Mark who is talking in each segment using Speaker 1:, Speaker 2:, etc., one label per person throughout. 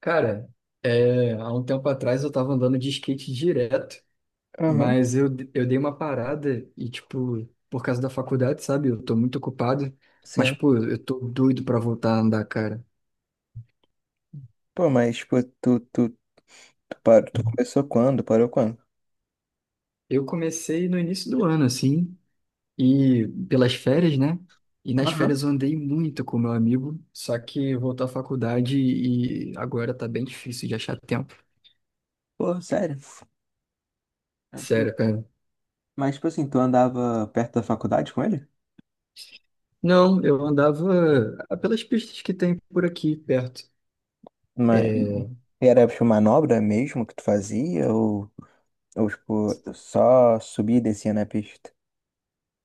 Speaker 1: Cara, há um tempo atrás eu tava andando de skate direto,
Speaker 2: Aham,
Speaker 1: mas eu dei uma parada e, tipo, por causa da faculdade, sabe? Eu tô muito ocupado, mas,
Speaker 2: sim.
Speaker 1: pô, eu tô doido pra voltar a andar, cara.
Speaker 2: Pô, mas, tipo, tu parou, tu começou quando? Parou quando?
Speaker 1: Eu comecei no início do ano, assim, e pelas férias, né? E nas
Speaker 2: Aham.
Speaker 1: férias eu andei muito com meu amigo, só que voltou à faculdade e agora tá bem difícil de achar tempo.
Speaker 2: Pô, sério.
Speaker 1: Sério, cara.
Speaker 2: Mas, tipo assim, tu andava perto da faculdade com ele?
Speaker 1: Não, eu andava pelas pistas que tem por aqui perto.
Speaker 2: Mas
Speaker 1: É,
Speaker 2: era, tipo, manobra mesmo que tu fazia? Ou tipo, só subia e descia na pista?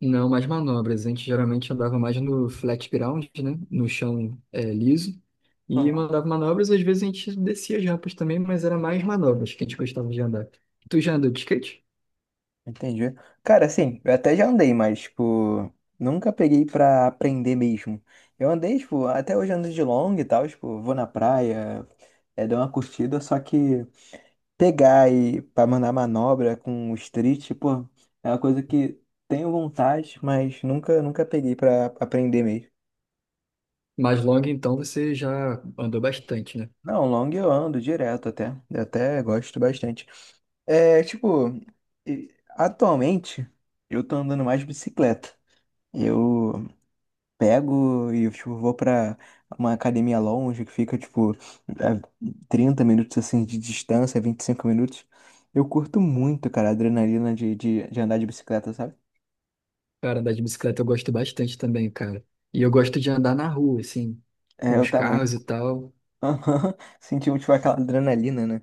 Speaker 1: não, mais manobras. A gente geralmente andava mais no flat ground, né? No chão liso. E
Speaker 2: Aham.
Speaker 1: mandava manobras. Às vezes a gente descia as rampas também, mas era mais manobras que a gente gostava de andar. Tu já andou de skate?
Speaker 2: Entendi. Cara, assim, eu até já andei, mas, tipo, nunca peguei pra aprender mesmo. Eu andei, tipo, até hoje ando de longa e tal, tipo, vou na praia, dou uma curtida, só que pegar e para mandar manobra com o street, pô, é uma coisa que tenho vontade, mas nunca peguei para aprender mesmo.
Speaker 1: Mais longa, então você já andou bastante, né?
Speaker 2: Não, long eu ando direto até, eu até gosto bastante. É, tipo, atualmente eu tô andando mais de bicicleta. Eu pego e tipo, vou pra uma academia longe que fica tipo a 30 minutos assim de distância, 25 minutos. Eu curto muito, cara, a adrenalina de andar de bicicleta, sabe?
Speaker 1: Cara, andar de bicicleta eu gosto bastante também, cara. E eu gosto de andar na rua, assim,
Speaker 2: É,
Speaker 1: com
Speaker 2: eu
Speaker 1: os
Speaker 2: também.
Speaker 1: carros e tal.
Speaker 2: Aham. Sentiu, tipo, aquela adrenalina, né?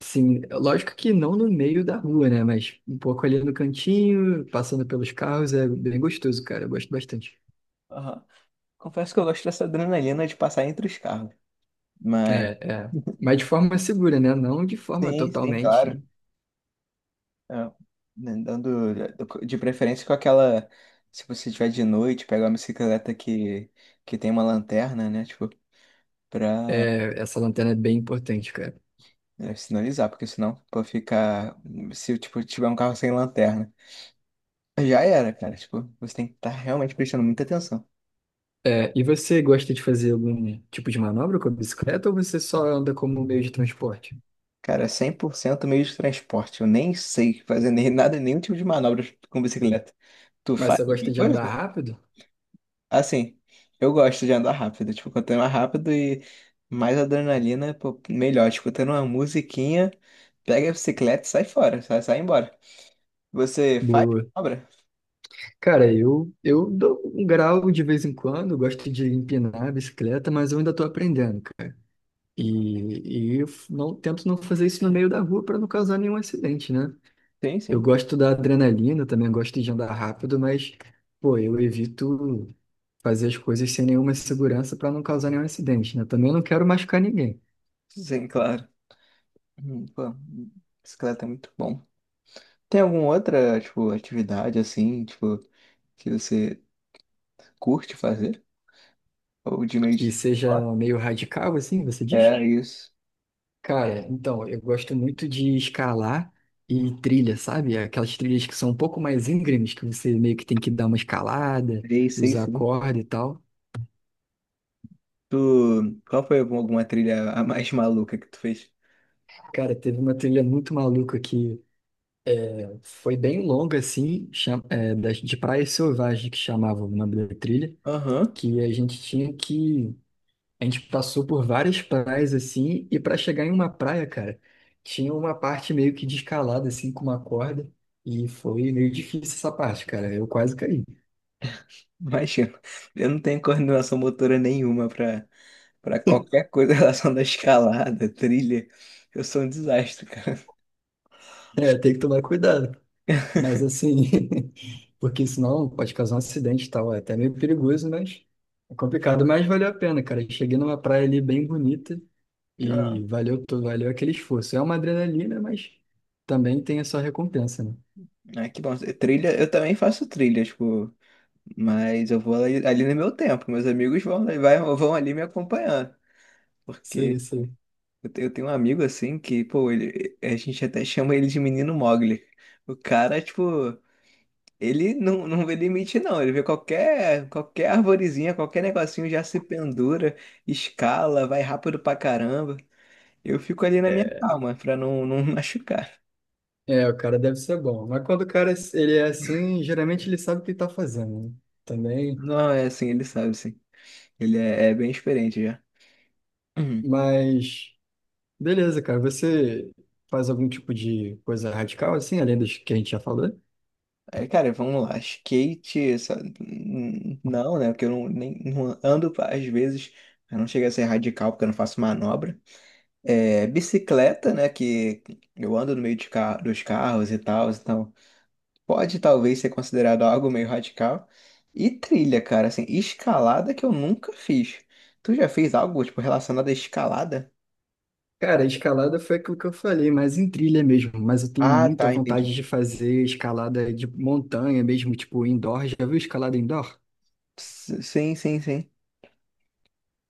Speaker 1: Sim, lógico que não no meio da rua, né? Mas um pouco ali no cantinho, passando pelos carros, é bem gostoso, cara. Eu gosto bastante.
Speaker 2: Aham. Confesso que eu gosto dessa adrenalina de passar entre os carros.
Speaker 1: É,
Speaker 2: Mas,
Speaker 1: é. Mas de forma segura, né? Não de forma
Speaker 2: sim, sim, claro.
Speaker 1: totalmente.
Speaker 2: É, né, Dando, de preferência com aquela. Se você tiver de noite, pegar uma bicicleta que tem uma lanterna, né? Tipo, pra
Speaker 1: É, essa lanterna é bem importante, cara.
Speaker 2: sinalizar, porque senão, pô, ficar. Se, tipo, tiver um carro sem lanterna, já era, cara. Tipo, você tem que estar realmente prestando muita atenção.
Speaker 1: É, e você gosta de fazer algum tipo de manobra com a bicicleta ou você só anda como meio de transporte?
Speaker 2: Cara, é 100% meio de transporte. Eu nem sei fazer nem nada, nenhum tipo de manobra com bicicleta. Tu
Speaker 1: Mas
Speaker 2: faz
Speaker 1: você
Speaker 2: alguma
Speaker 1: gosta de andar
Speaker 2: coisa?
Speaker 1: rápido?
Speaker 2: Assim, eu gosto de andar rápido. Tipo, quanto mais rápido e mais adrenalina, pô, melhor. Escutando uma musiquinha, pega a bicicleta e sai fora, sai embora. Você faz
Speaker 1: Boa.
Speaker 2: manobra?
Speaker 1: Cara, eu dou um grau de vez em quando, gosto de empinar a bicicleta, mas eu ainda tô aprendendo, cara. E eu não, tento não fazer isso no meio da rua para não causar nenhum acidente, né?
Speaker 2: Sim,
Speaker 1: Eu
Speaker 2: sim.
Speaker 1: gosto da adrenalina, também gosto de andar rápido, mas, pô, eu evito fazer as coisas sem nenhuma segurança para não causar nenhum acidente, né? Também não quero machucar ninguém.
Speaker 2: Sim, claro. Pô, bicicleta é muito bom. Tem alguma outra, tipo, atividade assim, tipo, que você curte fazer? Ou de meio de
Speaker 1: Que seja
Speaker 2: transporte?
Speaker 1: meio radical, assim, você diz?
Speaker 2: É, isso.
Speaker 1: Cara, então, eu gosto muito de escalar e trilha, sabe? Aquelas trilhas que são um pouco mais íngremes, que você meio que tem que dar uma escalada,
Speaker 2: Sei, sei,
Speaker 1: usar
Speaker 2: sim.
Speaker 1: corda e tal.
Speaker 2: Tu, qual foi alguma trilha a mais maluca que tu fez?
Speaker 1: Cara, teve uma trilha muito maluca que foi bem longa, assim, de Praia Selvagem, que chamava o nome da trilha.
Speaker 2: Aham,
Speaker 1: Que a gente tinha que. A gente passou por várias praias assim, e para chegar em uma praia, cara, tinha uma parte meio que descalada, assim, com uma corda, e foi meio difícil essa parte, cara. Eu quase caí.
Speaker 2: imagina. Eu não tenho coordenação motora nenhuma pra qualquer coisa em relação da escalada, trilha. Eu sou um desastre, cara.
Speaker 1: É, tem que tomar cuidado. Mas assim, porque senão pode causar um acidente e tal. É até meio perigoso, mas é complicado. Mas valeu a pena, cara. Cheguei numa praia ali bem bonita
Speaker 2: Ah,
Speaker 1: e valeu, valeu aquele esforço. É uma adrenalina, mas também tem a sua recompensa, né?
Speaker 2: ah, que bom. Trilha, eu também faço trilha, tipo, mas eu vou ali no meu tempo. Meus amigos vão, vai, vão ali me acompanhando. Porque
Speaker 1: Sei, sei.
Speaker 2: eu tenho um amigo assim que, pô, ele, a gente até chama ele de menino Mogli. O cara, tipo, ele não vê limite, não. Ele vê qualquer arvorezinha, qualquer negocinho já se pendura, escala, vai rápido pra caramba. Eu fico ali na minha calma, pra não, não machucar.
Speaker 1: É, o cara deve ser bom. Mas quando o cara ele é assim, geralmente ele sabe o que está fazendo, né? Também.
Speaker 2: Não, é assim, ele sabe, sim. Ele é bem experiente já. Uhum.
Speaker 1: Mas beleza, cara. Você faz algum tipo de coisa radical assim, além dos que a gente já falou?
Speaker 2: É, cara, vamos lá. Skate, sabe? Não, né? Porque eu não, nem, não ando, às vezes, eu não chego a ser radical, porque eu não faço manobra. É, bicicleta, né? Que eu ando no meio dos carros e tal, então. Pode talvez ser considerado algo meio radical. E trilha, cara, assim, escalada que eu nunca fiz. Tu já fez algo, tipo, relacionado à escalada?
Speaker 1: Cara, a escalada foi aquilo que eu falei, mas em trilha mesmo. Mas eu tenho
Speaker 2: Ah,
Speaker 1: muita
Speaker 2: tá, entendi.
Speaker 1: vontade de fazer escalada de montanha mesmo, tipo indoor. Já viu escalada indoor?
Speaker 2: Sim, sim, sim.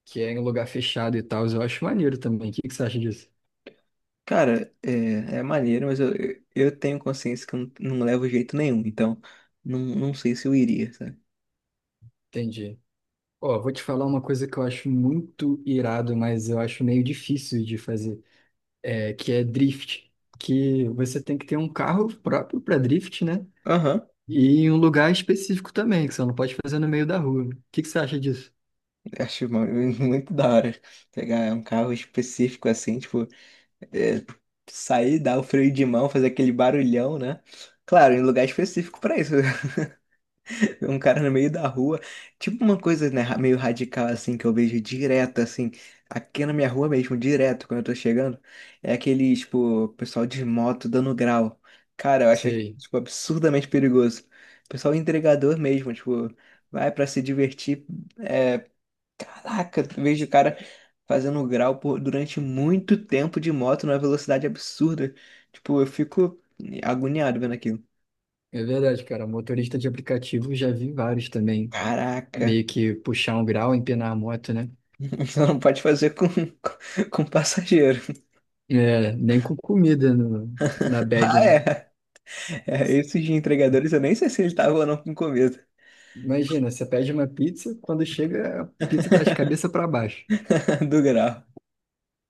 Speaker 1: Que é em lugar fechado e tal. Eu acho maneiro também. O que que você acha disso?
Speaker 2: Cara, é maneiro, mas eu tenho consciência que eu não levo jeito nenhum, então não sei se eu iria, sabe?
Speaker 1: Entendi. Ó, vou te falar uma coisa que eu acho muito irado, mas eu acho meio difícil de fazer, é, que é drift, que você tem que ter um carro próprio para drift, né?
Speaker 2: Aham,
Speaker 1: E em um lugar específico também, que você não pode fazer no meio da rua. O que que você acha disso?
Speaker 2: acho muito da hora pegar um carro específico assim, tipo, é, sair, dar o freio de mão, fazer aquele barulhão, né? Claro, em lugar específico pra isso. Um cara no meio da rua. Tipo uma coisa, né, meio radical assim, que eu vejo direto, assim, aqui na minha rua mesmo, direto, quando eu tô chegando, é aquele, tipo, pessoal de moto dando grau. Cara, eu acho,
Speaker 1: Sei,
Speaker 2: tipo, absurdamente perigoso. Pessoal entregador mesmo, tipo, vai pra se divertir. É, caraca, eu vejo o cara fazendo grau durante muito tempo de moto numa velocidade absurda. Tipo, eu fico agoniado vendo aquilo.
Speaker 1: é verdade, cara. Motorista de aplicativo já vi vários também,
Speaker 2: Caraca.
Speaker 1: meio que puxar um grau, empinar a moto, né?
Speaker 2: Então não pode fazer com, com passageiro.
Speaker 1: É, nem com comida no, na bag,
Speaker 2: Ah,
Speaker 1: né?
Speaker 2: é. É, esses de entregadores, eu nem sei se ele tava ou não com comida
Speaker 1: Imagina, você pede uma pizza, quando chega, a pizza tá de cabeça para baixo.
Speaker 2: do grau.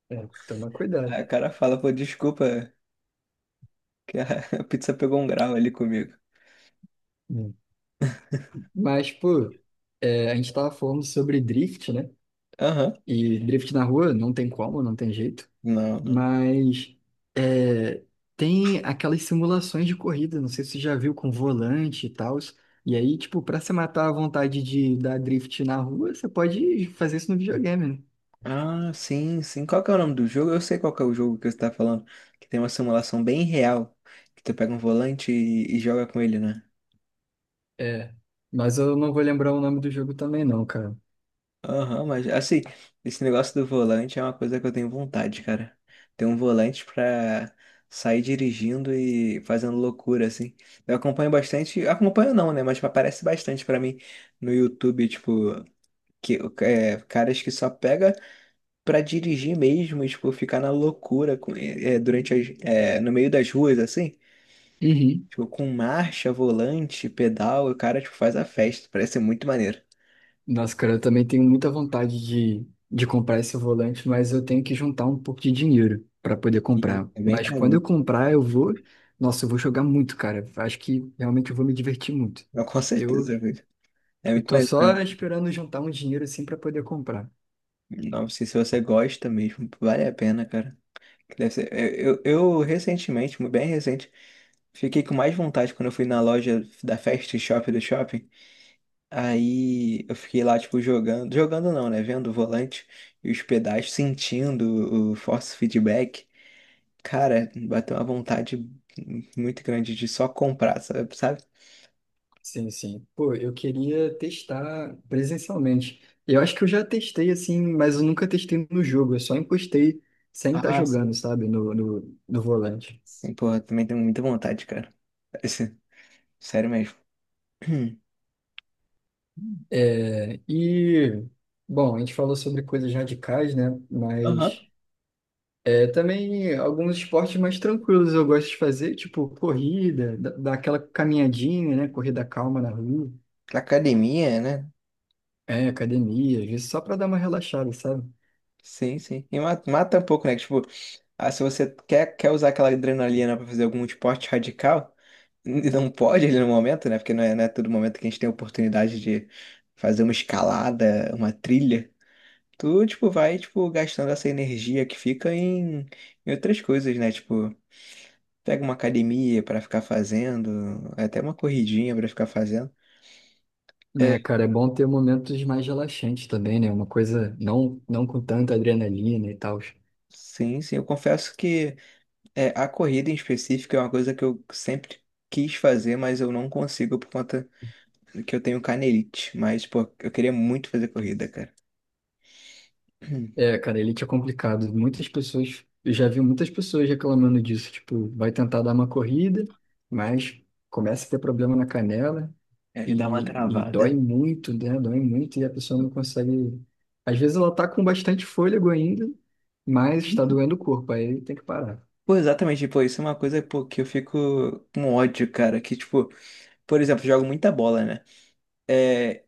Speaker 1: É, toma cuidado.
Speaker 2: Aí o cara fala, pô, desculpa, que a a pizza pegou um grau ali comigo.
Speaker 1: Hum. Mas, pô, é, a gente tava falando sobre drift, né?
Speaker 2: Aham.
Speaker 1: E drift na rua não tem como, não tem jeito.
Speaker 2: Não, não.
Speaker 1: Mas é, tem aquelas simulações de corrida, não sei se você já viu com volante e tal. E aí, tipo, pra você matar a vontade de dar drift na rua, você pode fazer isso no videogame, né?
Speaker 2: Ah, sim, sim. Qual que é o nome do jogo? Eu sei qual que é o jogo que você tá falando. Que tem uma simulação bem real. Que tu pega um volante e joga com ele, né?
Speaker 1: É, mas eu não vou lembrar o nome do jogo também, não, cara.
Speaker 2: Aham, mas assim, esse negócio do volante é uma coisa que eu tenho vontade, cara. Ter um volante pra sair dirigindo e fazendo loucura, assim. Eu acompanho bastante, acompanho não, né? Mas aparece bastante pra mim no YouTube, tipo, que, caras que só pega pra dirigir mesmo, e, tipo, ficar na loucura durante as, no meio das ruas, assim.
Speaker 1: Uhum.
Speaker 2: Tipo, com marcha, volante, pedal, o cara, tipo, faz a festa. Parece ser muito maneiro.
Speaker 1: Nossa, cara, eu também tenho muita vontade de comprar esse volante, mas eu tenho que juntar um pouco de dinheiro para poder comprar.
Speaker 2: É bem
Speaker 1: Mas quando eu
Speaker 2: carinho.
Speaker 1: comprar, eu vou. Nossa, eu vou jogar muito, cara. Acho que realmente eu vou me divertir muito.
Speaker 2: Com certeza,
Speaker 1: Eu,
Speaker 2: é
Speaker 1: eu
Speaker 2: muito
Speaker 1: tô
Speaker 2: mais.
Speaker 1: só esperando juntar um dinheiro assim para poder comprar.
Speaker 2: Não sei se você gosta mesmo, vale a pena, cara. Eu recentemente, bem recente, fiquei com mais vontade quando eu fui na loja da Fast Shop do shopping. Aí eu fiquei lá, tipo, jogando. Jogando não, né? Vendo o volante e os pedais, sentindo o force feedback. Cara, bateu uma vontade muito grande de só comprar, sabe? Sabe?
Speaker 1: Sim, sim. Pô, eu queria testar presencialmente. Eu acho que eu já testei assim, mas eu nunca testei no jogo. Eu só encostei sem estar
Speaker 2: Ah, sim.
Speaker 1: jogando, sabe? No volante.
Speaker 2: Sim, porra, também tenho muita vontade, cara. Esse- Sério mesmo.
Speaker 1: É, e, bom, a gente falou sobre coisas radicais, né?
Speaker 2: Aham.
Speaker 1: Mas é, também alguns esportes mais tranquilos eu gosto de fazer, tipo corrida, dar aquela caminhadinha, né? Corrida calma na rua,
Speaker 2: Academia, né?
Speaker 1: é, academia, às vezes só para dar uma relaxada, sabe?
Speaker 2: Sim, sim. E mata, mata um pouco, né? Tipo, ah, se você quer, usar aquela adrenalina pra fazer algum esporte radical, não pode ali no momento, né? Porque não é todo momento que a gente tem a oportunidade de fazer uma escalada, uma trilha. Tu, tipo, vai, tipo, gastando essa energia que fica em outras coisas, né? Tipo, pega uma academia pra ficar fazendo, até uma corridinha pra ficar fazendo. É,
Speaker 1: Né, cara, é bom ter momentos mais relaxantes também, né? Uma coisa não, não com tanta adrenalina e tal.
Speaker 2: sim, sim. Eu confesso que. É, a corrida em específico é uma coisa que eu sempre quis fazer, mas eu não consigo por conta que eu tenho canelite. Mas, pô, eu queria muito fazer corrida, cara.
Speaker 1: É, cara, elite é complicado. Muitas pessoas, eu já vi muitas pessoas reclamando disso. Tipo, vai tentar dar uma corrida, mas começa a ter problema na canela
Speaker 2: É, e dá uma
Speaker 1: e
Speaker 2: travada.
Speaker 1: dói muito, né? Dói muito e a pessoa não consegue. Às vezes ela tá com bastante fôlego ainda, mas está doendo o corpo, aí tem que parar.
Speaker 2: Pô, exatamente, pô, isso é uma coisa, pô, que eu fico com ódio, cara. Que, tipo, por exemplo, jogo muita bola, né? É,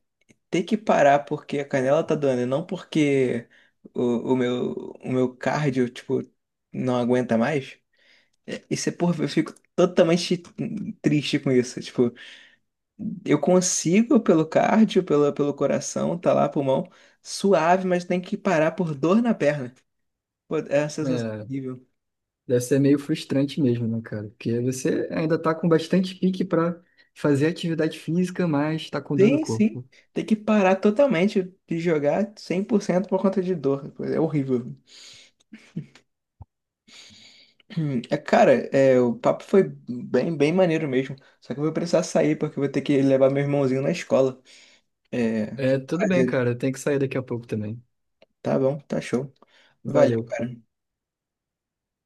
Speaker 2: ter que parar porque a canela tá doendo, não porque o, o meu, o meu cardio, tipo, não aguenta mais. É, isso é, porra, eu fico totalmente triste com isso. Tipo, eu consigo pelo cardio, pelo coração, tá lá, pulmão, suave, mas tem que parar por dor na perna. Pô, é uma sensação
Speaker 1: É,
Speaker 2: horrível.
Speaker 1: deve ser meio frustrante mesmo, né, cara? Porque você ainda tá com bastante pique para fazer atividade física, mas tá com dor no
Speaker 2: Sim, sim.
Speaker 1: corpo.
Speaker 2: Tem que parar totalmente de jogar 100% por cento por conta de dor. É horrível. É, cara, o papo foi bem, bem maneiro mesmo. Só que eu vou precisar sair porque eu vou ter que levar meu irmãozinho na escola. É,
Speaker 1: É, tudo bem,
Speaker 2: prazer.
Speaker 1: cara. Eu tenho que sair daqui a pouco também.
Speaker 2: Tá bom, tá show. Valeu,
Speaker 1: Valeu.
Speaker 2: cara.